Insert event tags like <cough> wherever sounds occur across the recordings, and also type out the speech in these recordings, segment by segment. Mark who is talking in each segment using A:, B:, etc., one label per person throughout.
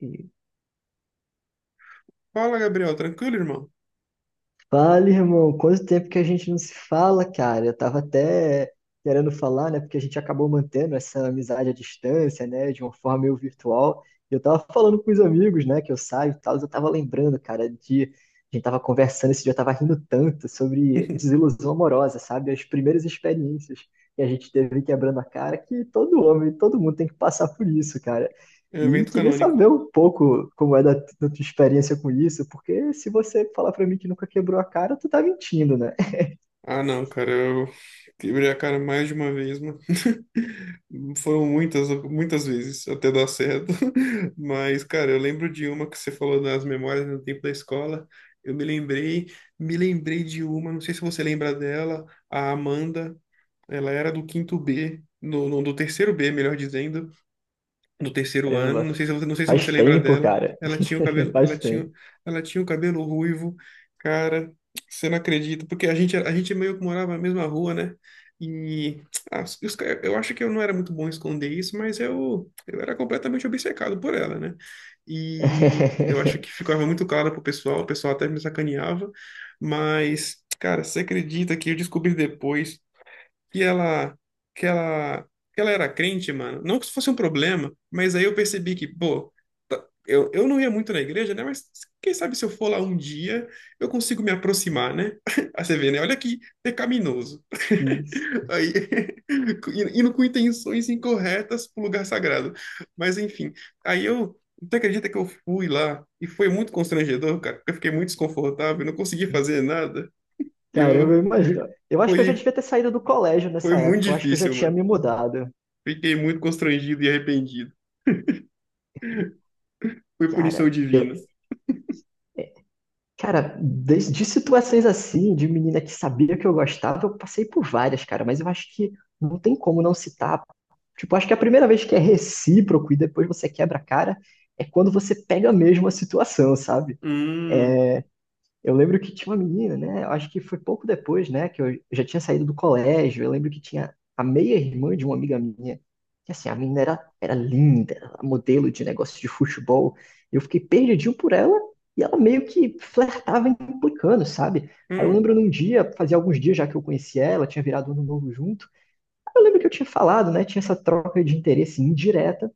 A: E
B: Fala, Gabriel. Tranquilo, irmão?
A: Fala, irmão, quanto tempo que a gente não se fala, cara? Eu tava até querendo falar, né? Porque a gente acabou mantendo essa amizade à distância, né? De uma forma meio virtual. Eu tava falando com os amigos, né? Que eu saio e tal. Eu tava lembrando, cara, de. A gente tava conversando esse dia, eu tava rindo tanto sobre
B: <laughs>
A: desilusão amorosa, sabe? As primeiras experiências que a gente teve quebrando a cara, que todo homem, todo mundo tem que passar por isso, cara.
B: É
A: E
B: evento
A: queria
B: canônico.
A: saber um pouco como é da tua experiência com isso, porque se você falar pra mim que nunca quebrou a cara, tu tá mentindo, né?
B: Ah, não, cara. Eu quebrei a cara mais de uma vez, mano. <laughs> Foram muitas, muitas vezes até dar certo. <laughs> Mas, cara, eu lembro de uma que você falou das memórias no tempo da escola. Eu me lembrei, me lembrei de uma, não sei se você lembra dela, a Amanda. Ela era do quinto B, do terceiro B, melhor dizendo. No terceiro ano,
A: Caramba,
B: não sei se você, não sei se você
A: faz
B: lembra
A: tempo,
B: dela,
A: cara.
B: ela tinha o
A: <laughs>
B: cabelo,
A: Faz tempo.
B: ela tinha o cabelo ruivo, cara, você não acredita, porque a gente meio que morava na mesma rua, né? E eu acho que eu não era muito bom em esconder isso, mas eu era completamente obcecado por ela, né? E eu acho que
A: <laughs>
B: ficava muito claro pro pessoal, o pessoal até me sacaneava, mas, cara, você acredita que eu descobri depois que ela, que ela, que ela era crente, mano. Não que isso fosse um problema, mas aí eu percebi que, pô, eu não ia muito na igreja, né? Mas quem sabe se eu for lá um dia, eu consigo me aproximar, né? <laughs> Aí você vê, né? Olha que pecaminoso.
A: Isso.
B: Aí, <laughs> indo com intenções incorretas pro lugar sagrado. Mas enfim, aí eu. Tu acredita que eu fui lá e foi muito constrangedor, cara? Porque eu fiquei muito desconfortável, não consegui fazer nada.
A: Caramba, eu
B: Eu
A: imagino. Eu acho que eu já
B: foi
A: devia ter saído do colégio
B: Foi
A: nessa
B: muito
A: época. Eu acho que eu já
B: difícil,
A: tinha
B: mano.
A: me mudado.
B: Fiquei muito constrangido e arrependido. Foi punição
A: Cara,
B: divina.
A: eu, Cara, de situações assim, de menina que sabia que eu gostava, eu passei por várias, cara, mas eu acho que não tem como não citar. Tipo, acho que a primeira vez que é recíproco e depois você quebra a cara é quando você pega mesmo a situação, sabe?
B: Hum,
A: Eu lembro que tinha uma menina, né? eu Acho que foi pouco depois, né? Que eu já tinha saído do colégio. Eu lembro que tinha a meia-irmã de uma amiga minha. Que assim, a menina era linda, era modelo de negócio de futebol. Eu fiquei perdidinho por ela e ela meio que flertava implicando, sabe? Aí eu
B: hum.
A: lembro num dia, fazia alguns dias já que eu conhecia ela, tinha virado ano novo junto. Eu lembro que eu tinha falado, né? Tinha essa troca de interesse indireta.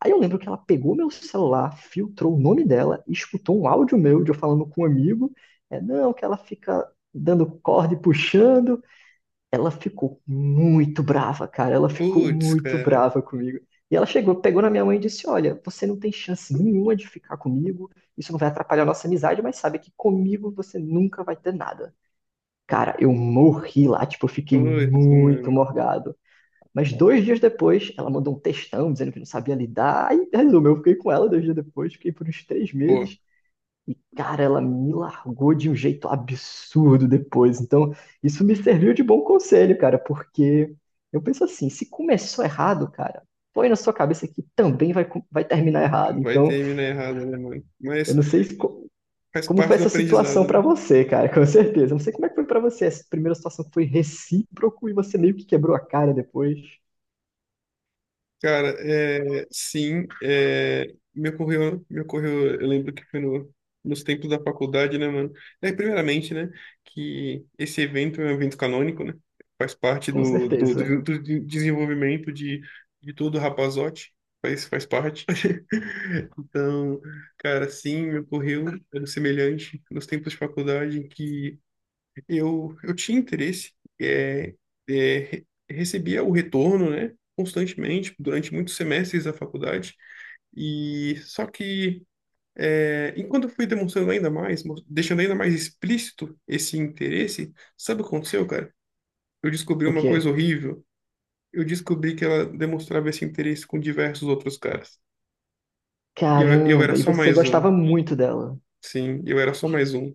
A: Aí eu lembro que ela pegou meu celular, filtrou o nome dela e escutou um áudio meu de eu falando com um amigo. É, não, que ela fica dando corda e puxando. Ela ficou muito brava, cara. Ela ficou
B: Putz,
A: muito
B: cara.
A: brava comigo. E ela chegou, pegou na minha mãe e disse: Olha, você não tem chance nenhuma de ficar comigo. Isso não vai atrapalhar a nossa amizade, mas sabe que comigo você nunca vai ter nada. Cara, eu morri lá, tipo, eu fiquei
B: Putz,
A: muito
B: mano.
A: morgado. Mas dois dias depois, ela mandou um textão dizendo que não sabia lidar. E resumo, eu fiquei com ela dois dias depois, fiquei por uns três
B: Boa.
A: meses. Cara, ela me largou de um jeito absurdo depois. Então, isso me serviu de bom conselho, cara, porque eu penso assim: se começou errado, cara, põe na sua cabeça que também vai terminar errado.
B: Vai
A: Então,
B: terminar errado, né, mano?
A: eu
B: Mas
A: não sei se co-
B: faz
A: como foi
B: parte do
A: essa situação
B: aprendizado,
A: pra
B: né?
A: você, cara, <laughs> com certeza. Eu não sei como é que foi pra você. Essa primeira situação que foi recíproco e você meio que quebrou a cara depois,
B: Cara, é, sim, é, me ocorreu, eu lembro que foi no, nos tempos da faculdade, né, mano? É, primeiramente, né, que esse evento é um evento canônico, né? Faz parte
A: com
B: do, do,
A: certeza.
B: do, do desenvolvimento de todo rapazote, faz, faz parte. <laughs> Então, cara, sim, me ocorreu algo semelhante nos tempos de faculdade em que eu tinha interesse, é, é, recebia o retorno, né, constantemente, durante muitos semestres da faculdade, e só que, é, enquanto eu fui demonstrando ainda mais, deixando ainda mais explícito esse interesse, sabe o que aconteceu, cara? Eu descobri
A: O
B: uma coisa
A: quê?
B: horrível. Eu descobri que ela demonstrava esse interesse com diversos outros caras. E eu era
A: Caramba, e
B: só
A: você
B: mais um.
A: gostava muito dela.
B: Sim, eu era só mais um.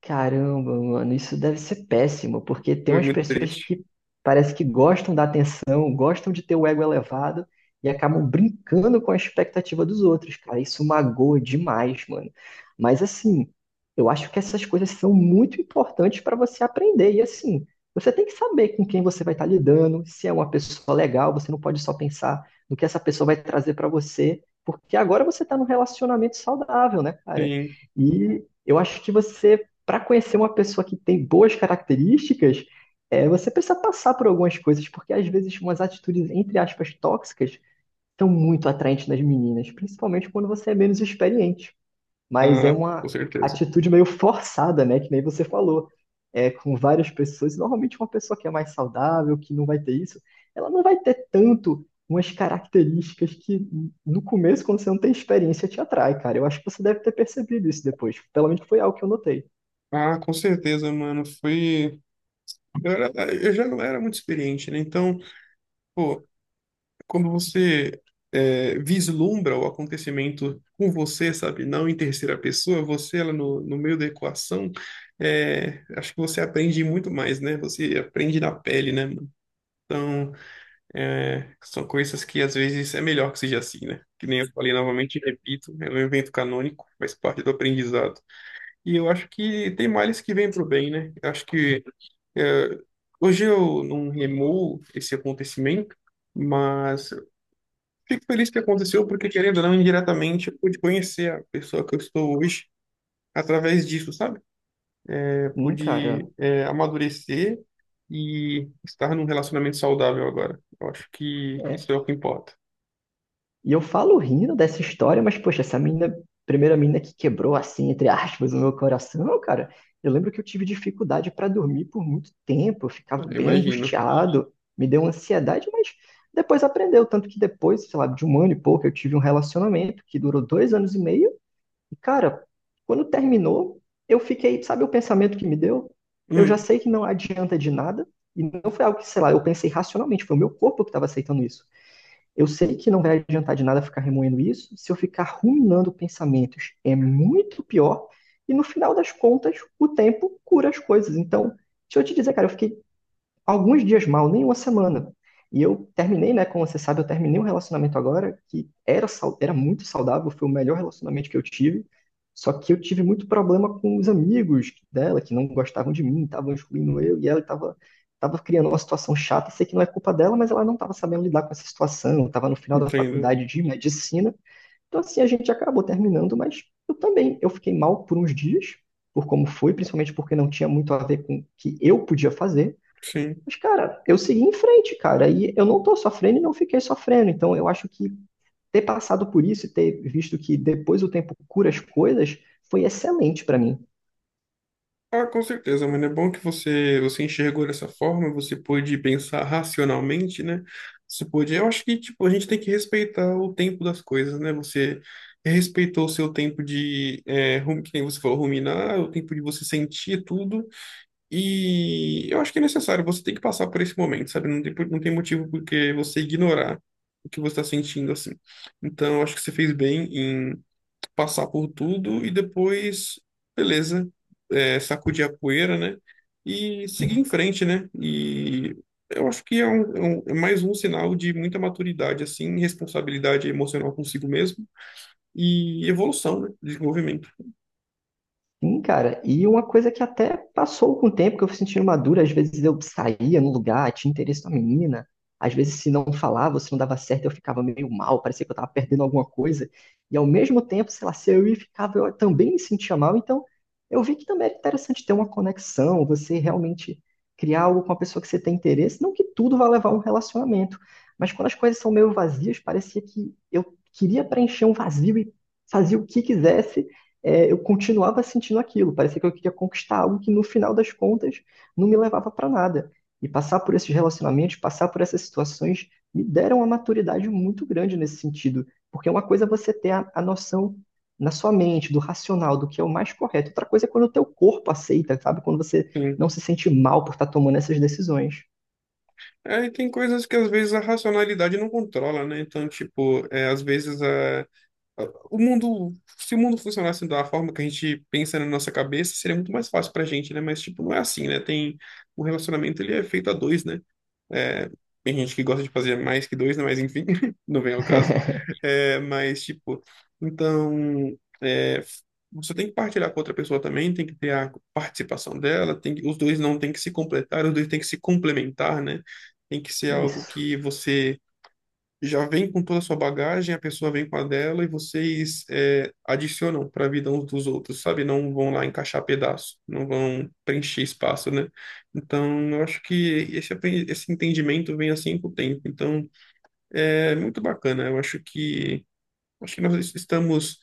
A: Caramba, mano, isso deve ser péssimo, porque tem
B: Foi
A: umas
B: muito
A: pessoas
B: triste.
A: que parece que gostam da atenção, gostam de ter o ego elevado e acabam brincando com a expectativa dos outros, cara. Isso magoa demais, mano. Mas assim, eu acho que essas coisas são muito importantes para você aprender. E assim, você tem que saber com quem você vai estar lidando, se é uma pessoa legal, você não pode só pensar no que essa pessoa vai trazer para você, porque agora você está num relacionamento saudável, né, cara?
B: Sim,
A: E eu acho que você para conhecer uma pessoa que tem boas características, é, você precisa passar por algumas coisas, porque às vezes umas atitudes, entre aspas, tóxicas são muito atraentes nas meninas, principalmente quando você é menos experiente. Mas é
B: ah, com
A: uma
B: certeza.
A: atitude meio forçada, né? Que nem você falou. É, com várias pessoas, normalmente uma pessoa que é mais saudável, que não vai ter isso, ela não vai ter tanto umas características que no começo, quando você não tem experiência, te atrai, cara. Eu acho que você deve ter percebido isso depois. Pelo menos foi algo que eu notei.
B: Ah, com certeza, mano. Foi. Eu já não era muito experiente, né? Então, pô, quando você é, vislumbra o acontecimento com você, sabe? Não em terceira pessoa, você ela no, no meio da equação, é, acho que você aprende muito mais, né? Você aprende na pele, né, mano? Então, é, são coisas que às vezes é melhor que seja assim, né? Que nem eu falei novamente e repito, é um evento canônico, faz parte do aprendizado. E eu acho que tem males que vêm pro bem, né? Eu acho que é, hoje eu não remoo esse acontecimento, mas fico feliz que aconteceu, porque querendo ou não, indiretamente, eu pude conhecer a pessoa que eu estou hoje através disso, sabe? É,
A: Hum, cara,
B: pude, é, amadurecer e estar num relacionamento saudável agora. Eu acho que
A: É.
B: isso é o que importa.
A: E eu falo rindo dessa história, mas, poxa, essa mina, primeira mina que quebrou, assim, entre aspas, o meu coração, cara, eu lembro que eu tive dificuldade para dormir por muito tempo, eu
B: Eu
A: ficava bem
B: imagino.
A: angustiado, me deu ansiedade, mas depois aprendeu. Tanto que depois, sei lá, de um ano e pouco, eu tive um relacionamento que durou dois anos e meio, e, cara, quando terminou, eu fiquei, sabe o pensamento que me deu? Eu já
B: Hum,
A: sei que não adianta de nada, e não foi algo que, sei lá, eu pensei racionalmente, foi o meu corpo que estava aceitando isso. Eu sei que não vai adiantar de nada ficar remoendo isso. Se eu ficar ruminando pensamentos, é muito pior. E no final das contas, o tempo cura as coisas. Então, deixa eu te dizer, cara, eu fiquei alguns dias mal, nem uma semana. E eu terminei, né? Como você sabe, eu terminei um relacionamento agora que era muito saudável, foi o melhor relacionamento que eu tive. Só que eu tive muito problema com os amigos dela, que não gostavam de mim, estavam excluindo eu, e ela estava criando uma situação chata. Sei que não é culpa dela, mas ela não estava sabendo lidar com essa situação, estava no final da
B: entendo.
A: faculdade de medicina. Então, assim, a gente acabou terminando, mas eu também, eu fiquei mal por uns dias, por como foi, principalmente porque não tinha muito a ver com o que eu podia fazer.
B: Sim.
A: Mas, cara, eu segui em frente, cara, e eu não tô sofrendo e não fiquei sofrendo. Então, eu acho que ter passado por isso e ter visto que depois o tempo cura as coisas foi excelente pra mim.
B: Ah, com certeza, mano. É bom que você você enxergou dessa forma, você pôde pensar racionalmente, né? Você pôde. Eu acho que tipo a gente tem que respeitar o tempo das coisas, né? Você respeitou o seu tempo de, é, que nem você falou, ruminar, o tempo de você sentir tudo. E eu acho que é necessário. Você tem que passar por esse momento, sabe? Não tem, não tem motivo porque você ignorar o que você está sentindo assim. Então, eu acho que você fez bem passar por tudo e depois, beleza, é, sacudir a poeira, né? E seguir em frente, né? E eu acho que é, é é mais um sinal de muita maturidade, assim, responsabilidade emocional consigo mesmo e evolução, né? Desenvolvimento.
A: Sim, cara, e uma coisa que até passou com o tempo, que eu fui sentindo madura, às vezes eu saía num lugar, tinha interesse na menina, às vezes se não falava, se não dava certo, eu ficava meio mal, parecia que eu tava perdendo alguma coisa, e ao mesmo tempo, sei lá, se eu ia e ficava, eu também me sentia mal, então eu vi que também era interessante ter uma conexão, você realmente criar algo com a pessoa que você tem interesse, não que tudo vá levar a um relacionamento, mas quando as coisas são meio vazias, parecia que eu queria preencher um vazio e fazia o que quisesse, é, eu continuava sentindo aquilo. Parecia que eu queria conquistar algo que no final das contas não me levava para nada. E passar por esses relacionamentos, passar por essas situações, me deram uma maturidade muito grande nesse sentido. Porque é uma coisa é você ter a noção na sua mente, do racional, do que é o mais correto. Outra coisa é quando o teu corpo aceita, sabe? Quando você
B: Sim.
A: não se sente mal por estar tomando essas decisões.
B: É, e tem coisas que às vezes a racionalidade não controla, né? Então, tipo, é, às vezes a... O mundo, se o mundo funcionasse da forma que a gente pensa na nossa cabeça, seria muito mais fácil pra gente, né? Mas, tipo, não é assim, né? Tem, o relacionamento, ele é feito a dois, né? É, tem gente que gosta de fazer mais que dois, né? Mas, enfim, <laughs> não vem ao caso.
A: <laughs>
B: É, mas, tipo, então, é, você tem que partilhar com outra pessoa também, tem que ter a participação dela, tem que, os dois não tem que se completar, os dois tem que se complementar, né? Tem que ser algo
A: Isso.
B: que você já vem com toda a sua bagagem, a pessoa vem com a dela e vocês é, adicionam para a vida uns dos outros, sabe? Não vão lá encaixar pedaço, não vão preencher espaço, né? Então, eu acho que esse, esse entendimento vem assim com o tempo. Então, é muito bacana. Eu acho que nós estamos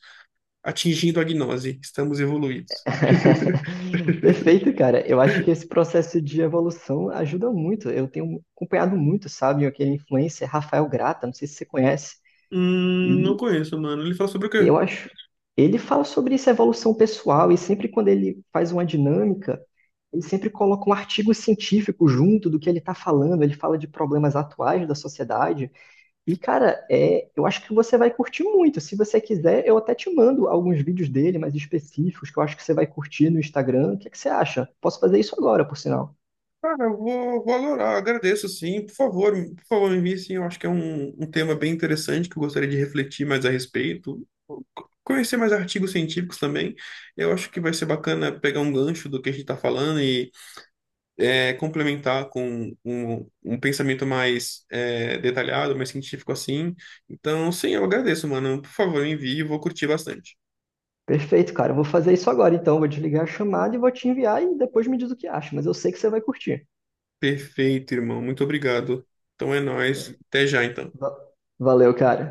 B: atingindo a gnose, estamos evoluídos. <laughs>
A: <laughs> Perfeito, cara. Eu acho que esse processo de evolução ajuda muito. Eu tenho acompanhado muito, sabe, aquele influencer Rafael Grata, não sei se você conhece,
B: Não
A: e
B: conheço, mano. Ele fala sobre o
A: eu
B: quê?
A: acho ele fala sobre essa evolução pessoal e sempre quando ele faz uma dinâmica, ele sempre coloca um artigo científico junto do que ele está falando. Ele fala de problemas atuais da sociedade. E, cara, é, eu acho que você vai curtir muito. Se você quiser, eu até te mando alguns vídeos dele mais específicos que eu acho que você vai curtir no Instagram. O que é que você acha? Posso fazer isso agora, por sinal.
B: Cara, eu vou, vou adorar, agradeço sim. Por favor, por favor, me envie sim. Eu acho que é um, um tema bem interessante que eu gostaria de refletir mais a respeito. Conhecer mais artigos científicos também. Eu acho que vai ser bacana pegar um gancho do que a gente está falando e é, complementar com um, um pensamento mais é, detalhado, mais científico assim. Então, sim, eu agradeço, mano. Por favor, me envie, eu vou curtir bastante.
A: Perfeito, cara. Eu vou fazer isso agora, então. Vou desligar a chamada e vou te enviar e depois me diz o que acha. Mas eu sei que você vai curtir.
B: Perfeito, irmão. Muito obrigado. Então é nóis. Até já, então.
A: Va- Valeu, cara.